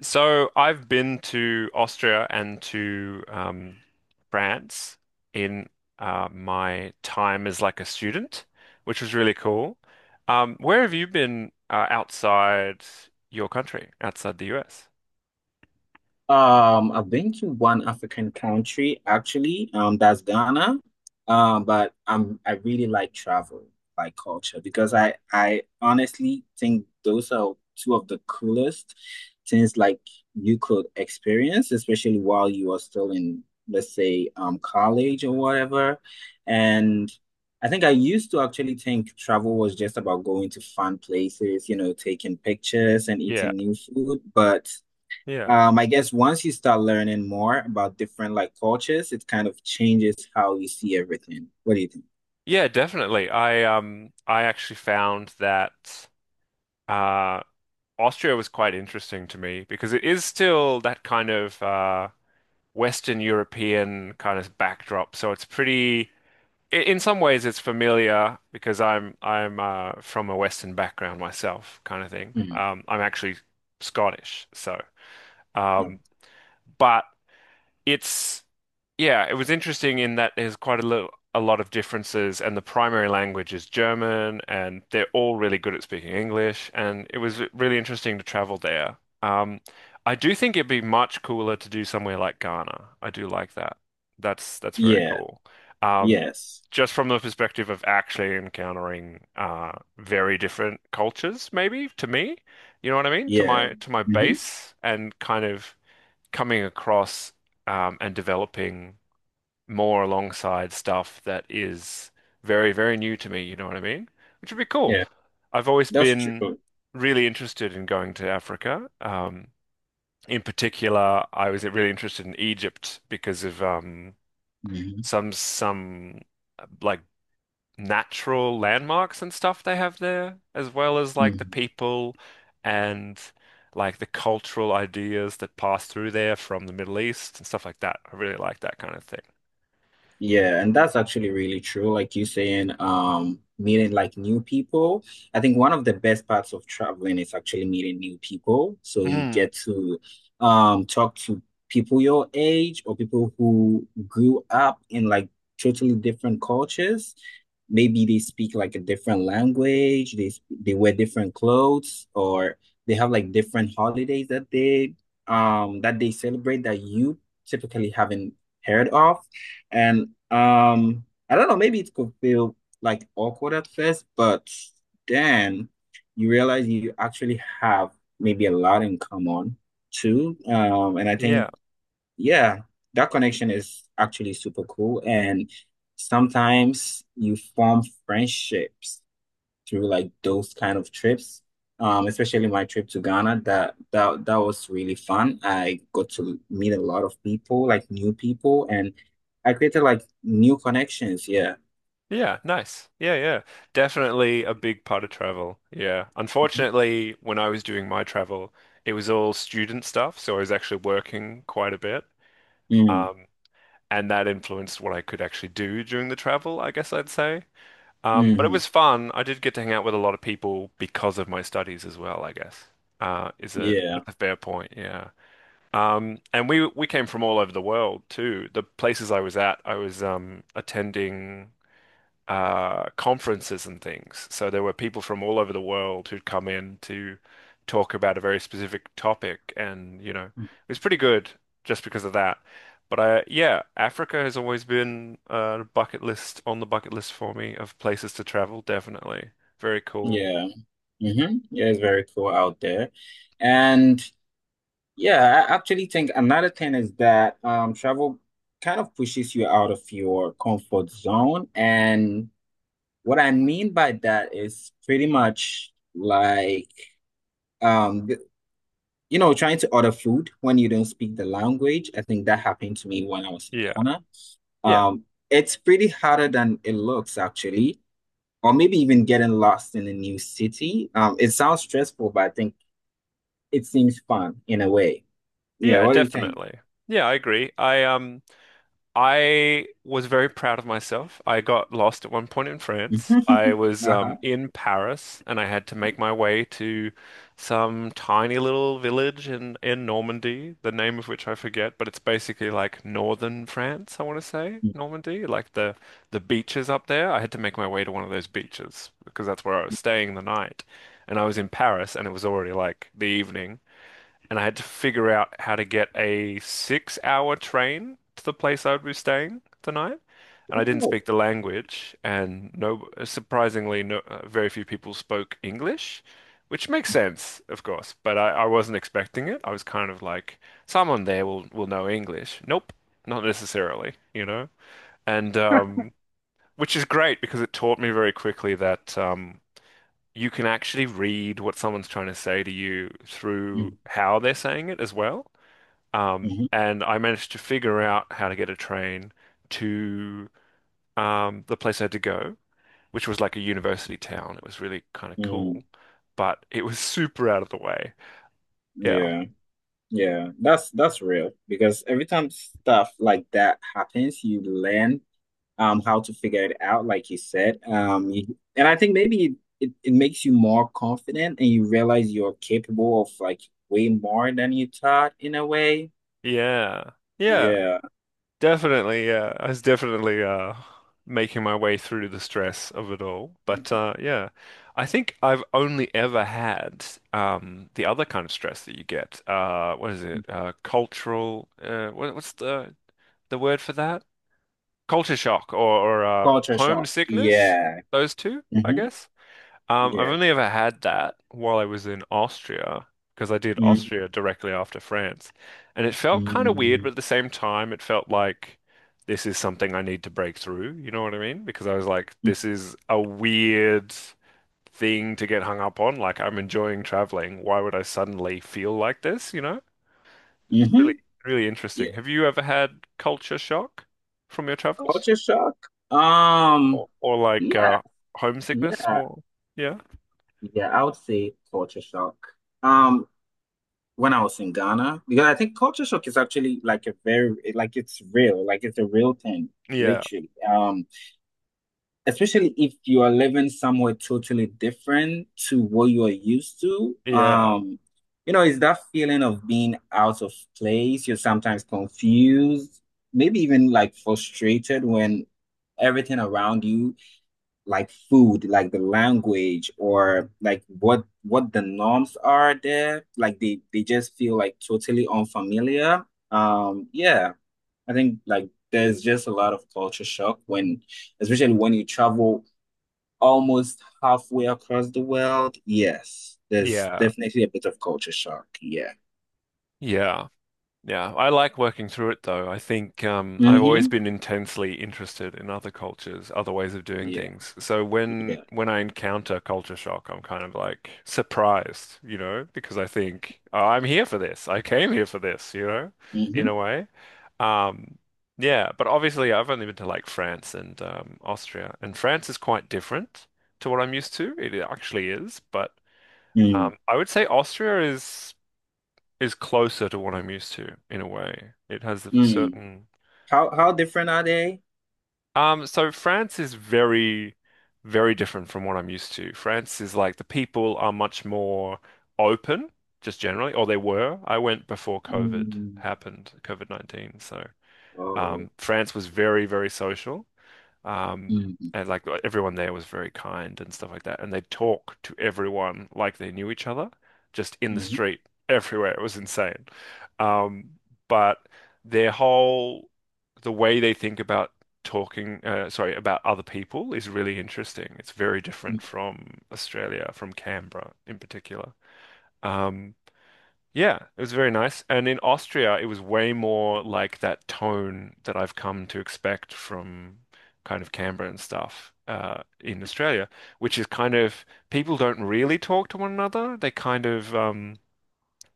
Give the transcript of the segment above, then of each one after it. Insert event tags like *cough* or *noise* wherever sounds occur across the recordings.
So I've been to Austria and to France in my time as like a student, which was really cool. Where have you been outside your country, outside the US? I've been to one African country actually, that's Ghana. But I really like travel, like culture, because I honestly think those are two of the coolest things like you could experience, especially while you are still in, let's say, college or whatever. And I think I used to actually think travel was just about going to fun places, taking pictures and Yeah, eating new food, but yeah, I guess once you start learning more about different like cultures, it kind of changes how you see everything. What do you think? yeah, definitely. I actually found that uh Austria was quite interesting to me because it is still that kind of Western European kind of backdrop. So it's pretty, in some ways, it's familiar because I'm from a Western background myself, kind of thing. Mhm. I'm actually Scottish, so No. um, but it's yeah, it was interesting in that there's quite a lot of differences, and the primary language is German, and they're all really good at speaking English, and it was really interesting to travel there. I do think it'd be much cooler to do somewhere like Ghana. I do like that. That's very Yeah. cool. Yeah, Yes. just from the perspective of actually encountering very different cultures, maybe to me, you know what I mean? To Yeah. my Hmm. base, and kind of coming across and developing more alongside stuff that is very, very new to me, you know what I mean? Which would be cool. Yeah. I've always That's been true. really interested in going to Africa. In particular, I was really interested in Egypt because of some uh, like natural landmarks and stuff they have there, as well as like the Hmm. people and like the cultural ideas that pass through there from the Middle East and stuff like that. I really like that kind of thing. Yeah, and that's actually really true. Like you saying, meeting like new people. I think one of the best parts of traveling is actually meeting new people. So you Mm. get to talk to people your age or people who grew up in like totally different cultures. Maybe they speak like a different language, they wear different clothes, or they have like different holidays that they celebrate that you typically haven't heard of. And I don't know, maybe it could feel like awkward at first, but then you realize you actually have maybe a lot in common too. And I think, Yeah. yeah, that connection is actually super cool. And sometimes you form friendships through like those kind of trips. Especially my trip to Ghana, that was really fun. I got to meet a lot of people, like new people, and I created like new connections. Yeah. Yeah, nice. Yeah, yeah. Definitely a big part of travel. Yeah. Unfortunately, when I was doing my travel, it was all student stuff, so I was actually working quite a bit. Mm-hmm. Um, and that influenced what I could actually do during the travel, I guess I'd say. But it Mm-hmm. was fun. I did get to hang out with a lot of people because of my studies as well, I guess. Is a Yeah. that's a fair point, yeah. And we came from all over the world too. The places I was at, I was attending conferences and things. So there were people from all over the world who'd come in to talk about a very specific topic, and you know, it was pretty good just because of that. But yeah, Africa has always been a bucket list on the bucket list for me of places to travel, definitely. Very cool. Yeah. Mm-hmm. Yeah, it's very cool out there. And yeah, I actually think another thing is that travel kind of pushes you out of your comfort zone and what I mean by that is pretty much like um th- you know trying to order food when you don't speak the language. I think that happened to me when I was in Yeah. Ghana. Yeah. Um, it's pretty harder than it looks actually, or maybe even getting lost in a new city. It sounds stressful, but I think it seems fun in a way. Yeah, Yeah, what do you think? definitely. Yeah, I agree. I was very proud of myself. I got lost at one point in France. *laughs* I was Uh-huh. In Paris and I had to make my way to some tiny little village in Normandy, the name of which I forget, but it's basically like northern France, I want to say, Normandy, like the beaches up there. I had to make my way to one of those beaches because that's where I was staying the night. And I was in Paris and it was already like the evening and I had to figure out how to get a 6 hour train to the place I would be staying the night. And I didn't Mhm. speak the language, and no, surprisingly, no, very few people spoke English, which makes sense, of course. But I wasn't expecting it. I was kind of like, someone there will know English. Nope, not necessarily, you know. And which is great because it taught me very quickly that you can actually read what someone's trying to say to you through Mhm. how they're saying it as well. Mhm. And I managed to figure out how to get a train to the place I had to go, which was like a university town. It was really kind of Mhm. cool, but it was *laughs* super out of the way. Yeah. Yeah. Yeah, that's real because every time stuff like that happens, you learn how to figure it out, like you said. You- and I think maybe it, it, it makes you more confident and you realize you're capable of like way more than you thought in a way. Yeah. Yeah. Yeah. Definitely. Yeah. I was definitely making my way through the stress of it all. But yeah, I think I've only ever had the other kind of stress that you get. What is it? Cultural. What's the word for that? Culture shock or Culture shock. homesickness, Yeah. those two, I Hmm. guess. I've Yeah. only ever had that while I was in Austria because I did Mm-hmm. Austria directly after France. And it felt kind of weird, but at the same time, it felt like this is something I need to break through. You know what I mean? Because I was like, this is a weird thing to get hung up on. Like, I'm enjoying traveling. Why would I suddenly feel like this? You know? It's really, Hmm. really Yeah. interesting. Have you ever had culture shock from your travels? Culture shock. Or like yeah, homesickness yeah, more. Yeah. yeah, I would say culture shock. Um, when I was in Ghana because I think culture shock is actually like a very like it's real, like it's a real thing, Yeah. literally. Especially if you are living somewhere totally different to what you are used to. Yeah. You know, it's that feeling of being out of place. You're sometimes confused, maybe even like frustrated when everything around you like food, like the language or like what the norms are there. Like they just feel like totally unfamiliar. Yeah, I think like there's just a lot of culture shock when, especially when you travel almost halfway across the world. Yes, there's Yeah. definitely a bit of culture shock. Yeah. Yeah. Yeah. I like working through it though. I've Mm-hmm. always been intensely interested in other cultures, other ways of doing Yeah. things. So when Yeah. when I encounter culture shock, I'm kind of like surprised, you know, because I think, "Oh, I'm here for this. I came here for this, you know, in Mm-hmm. a way. Um, yeah, but obviously I've only been to like France and Austria, and France is quite different to what I'm used to. It actually is, but Mm. I would say Austria is closer to what I'm used to in a way. It has a Mm. certain How different are they? So France is very, very different from what I'm used to. France is like the people are much more open, just generally, or they were. I went before COVID Mm. happened, COVID-19, so. Oh. France was very, very social. Um, Mm-hmm. and like everyone there was very kind and stuff like that. And they'd talk to everyone like they knew each other, just in the Mm-hmm. street, everywhere. It was insane. Um, but their whole, the way they think about talking, sorry, about other people is really interesting. It's very different from Australia, from Canberra in particular. Um, yeah, it was very nice. And in Austria, it was way more like that tone that I've come to expect from kind of Canberra and stuff in Australia, which is kind of people don't really talk to one another. They kind of,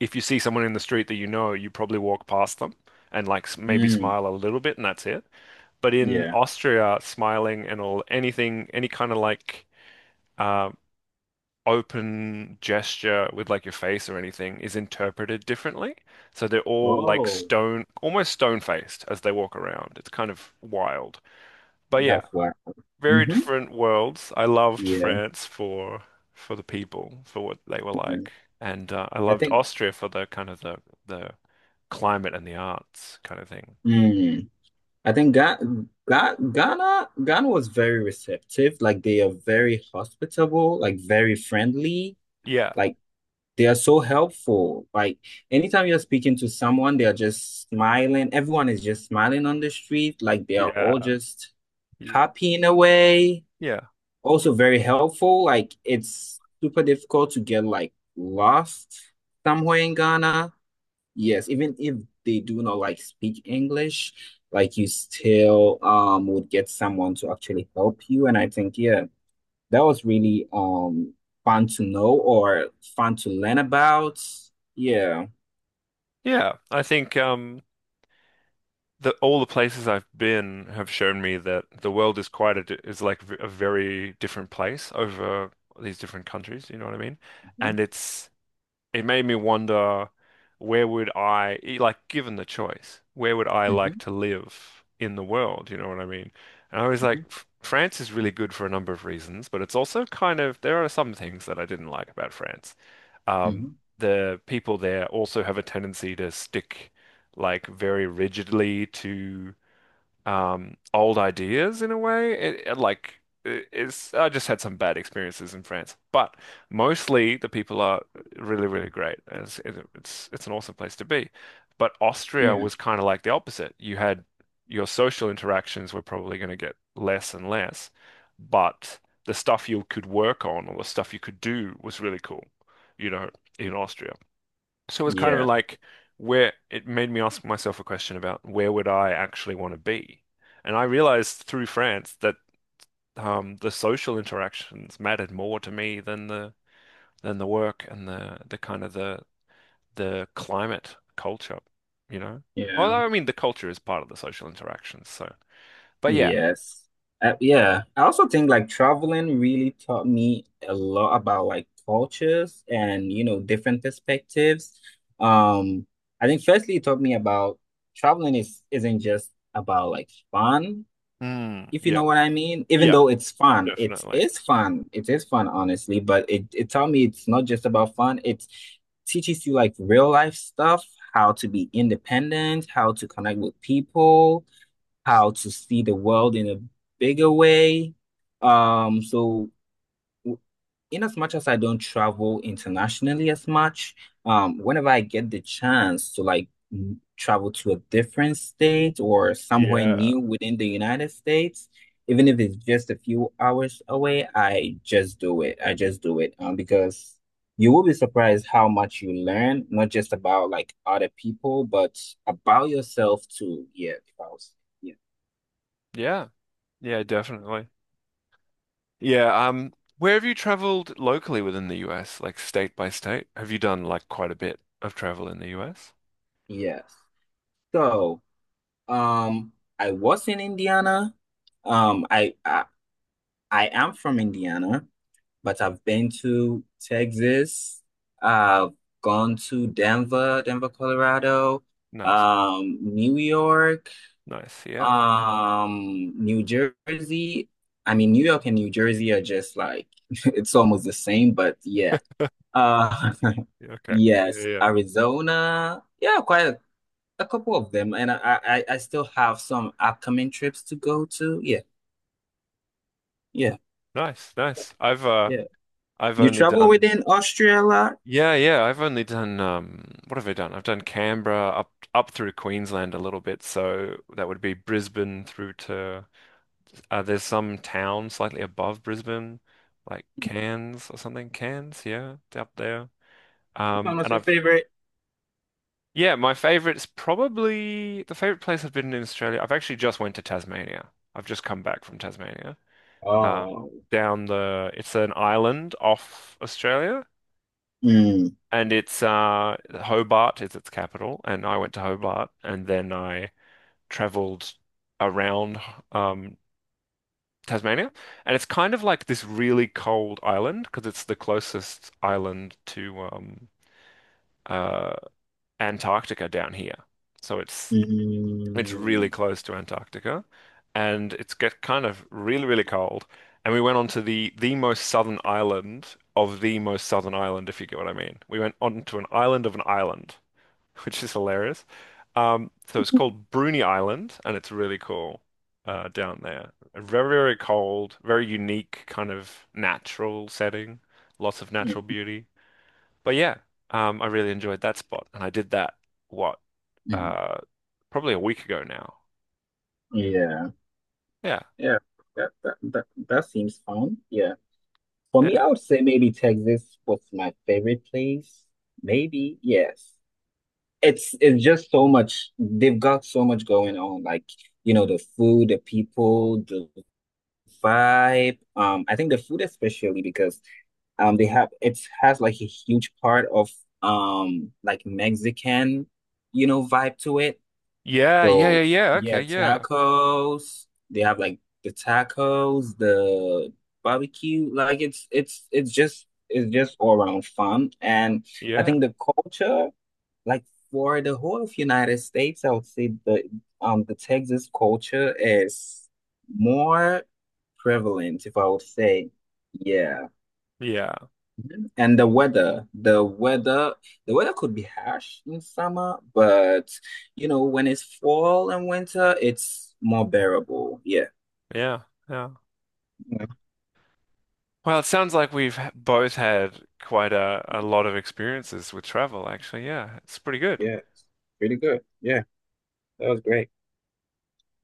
if you see someone in the street that you know, you probably walk past them and maybe Mm. smile a little bit, and that's it. But in Yeah. Austria, smiling and all anything, any kind of like uh, open gesture with like your face or anything is interpreted differently. So they're all like Oh, stone, almost stone-faced as they walk around. It's kind of wild. But yeah, that's why. very Mm-hmm. different worlds. I loved Yeah. France for the people, for what they were Yeah. like. And I I loved think Austria for the kind of the climate and the arts kind of thing. mm, I think Ga Ga Ghana Ghana was very receptive. Like they are very hospitable, like very friendly. Yeah. Like they are so helpful. Like anytime you're speaking to someone, they are just smiling. Everyone is just smiling on the street. Like they are all Yeah. just Y- happy in a way. Yeah. Also very helpful. Like it's super difficult to get like lost somewhere in Ghana. Yes, even if they do not like speak English, like you still would get someone to actually help you. And I think yeah, that was really fun to know or fun to learn about. Yeah. Yeah. I think the all the places I've been have shown me that the world is quite is a very different place over these different countries. You know what I mean? And Hmm. it's it made me wonder where would like, given the choice, where would I like Hmm. to live in the world? You know what I mean? And I was like, Hmm. France is really good for a number of reasons, but it's also kind of, there are some things that I didn't like about France. Um, Hmm. the people there also have a tendency to stick like very rigidly to old ideas in a way. It's I just had some bad experiences in France, but mostly the people are really really great. And It's it- it's an awesome place to be. But Austria Yeah. was kind of like the opposite. You had your social interactions were probably going to get less and less, but the stuff you could work on or the stuff you could do was really cool, you know, in Austria. So it was kind of Yeah. like where it made me ask myself a question about where would I actually want to be? And I realized through France that the social interactions mattered more to me than the work and the kind of the climate culture, you know? Yeah. Although I mean the culture is part of the social interactions, so but yeah. Yes. Yeah. I also think like traveling really taught me a lot about like cultures and, you know, different perspectives. Um, I think firstly it taught me about traveling is isn't just about like fun, Mm, if you yeah. know what I mean. Even Yeah, though it's fun, it definitely. is fun. It is fun, honestly, but it taught me it's not just about fun. It's teaches you like real life stuff, how to be independent, how to connect with people how to see the world in a bigger way. Um, so w- in as much as I don't travel internationally as much, whenever I get the chance to like travel to a different state or somewhere Yeah. new within the United States, even if it's just a few hours away, I just do it. I just do it. Because you will be surprised how much you learn, not just about like other people, but about yourself too. Yeah, if I was- yeah. Yeah. Yeah, definitely. Yeah, where have you traveled locally within the US, like state by state? Have you done like quite a bit of travel in the US? Yes. So, um, I was in Indiana. Um, I, I I am from Indiana, but I've been to Texas. I've gone to Denver, Colorado, Nice, New York, nice, yeah. New Jersey. I mean, New York and New Jersey are just like *laughs* it's almost the same, but yeah. Uh, Yeah, *laughs* okay. Yeah, yes, yeah. Arizona. Yeah, quite a couple of them, and I still have some upcoming trips to go to. Yeah, yeah, Nice, nice. I've yeah. You only travel done within Austria a lot? yeah, yeah. I've only done what have I done? I've done Canberra up through Queensland a little bit, so that would be Brisbane through to there's some town slightly above Brisbane, like Cairns or something. Cairns, yeah, it's up there. Which one was And your I've favorite? yeah, my favorite's probably the favorite place I've been in Australia. I've actually just went to Tasmania. I've just come back from Tasmania. Uh Oh, down the it's an island off Australia. mm, And it's Hobart is its capital, and I went to Hobart, and then I travelled around um Tasmania, and it's kind of like this really cold island because it's the closest island to uh Antarctica down here, so it's really mm, close to Antarctica, and it's get kind of really really cold, and we went on to the most southern island. Of the most southern island, if you get what I mean. We went on to an island of an island. *laughs* which is hilarious. So it's called Bruny Island, and it's really cool down there. Very, very cold, very unique kind of natural setting, lots of natural mm, beauty. But yeah, I really enjoyed that spot, and I did that what mm. uh, probably a week ago now. Yeah, Yeah, yeah. That seems fun. Yeah. For me, yeah, I would say maybe Texas was my favorite place. Maybe, yes. It's just so much. They've got so much going on. Like, you know, the food, the people, the vibe. I think the food especially because they have it has like a huge part of like Mexican, you know, vibe to it. yeah, yeah, So yeah, yeah. yeah, Okay, yeah, tacos. They have like the tacos, the barbecue. Like it's just all around fun. And I yeah, think the culture like for the whole of United States, I would say the Texas culture is more prevalent, if I would say. Yeah. yeah, And the weather could be harsh in summer, but you know, when it's fall and winter, it's more bearable. Yeah. yeah, yeah. Yeah. Well, it sounds like we've both had quite a lot of experiences with travel, actually. Yeah, it's pretty good. Yeah. Pretty good. Yeah. That was great.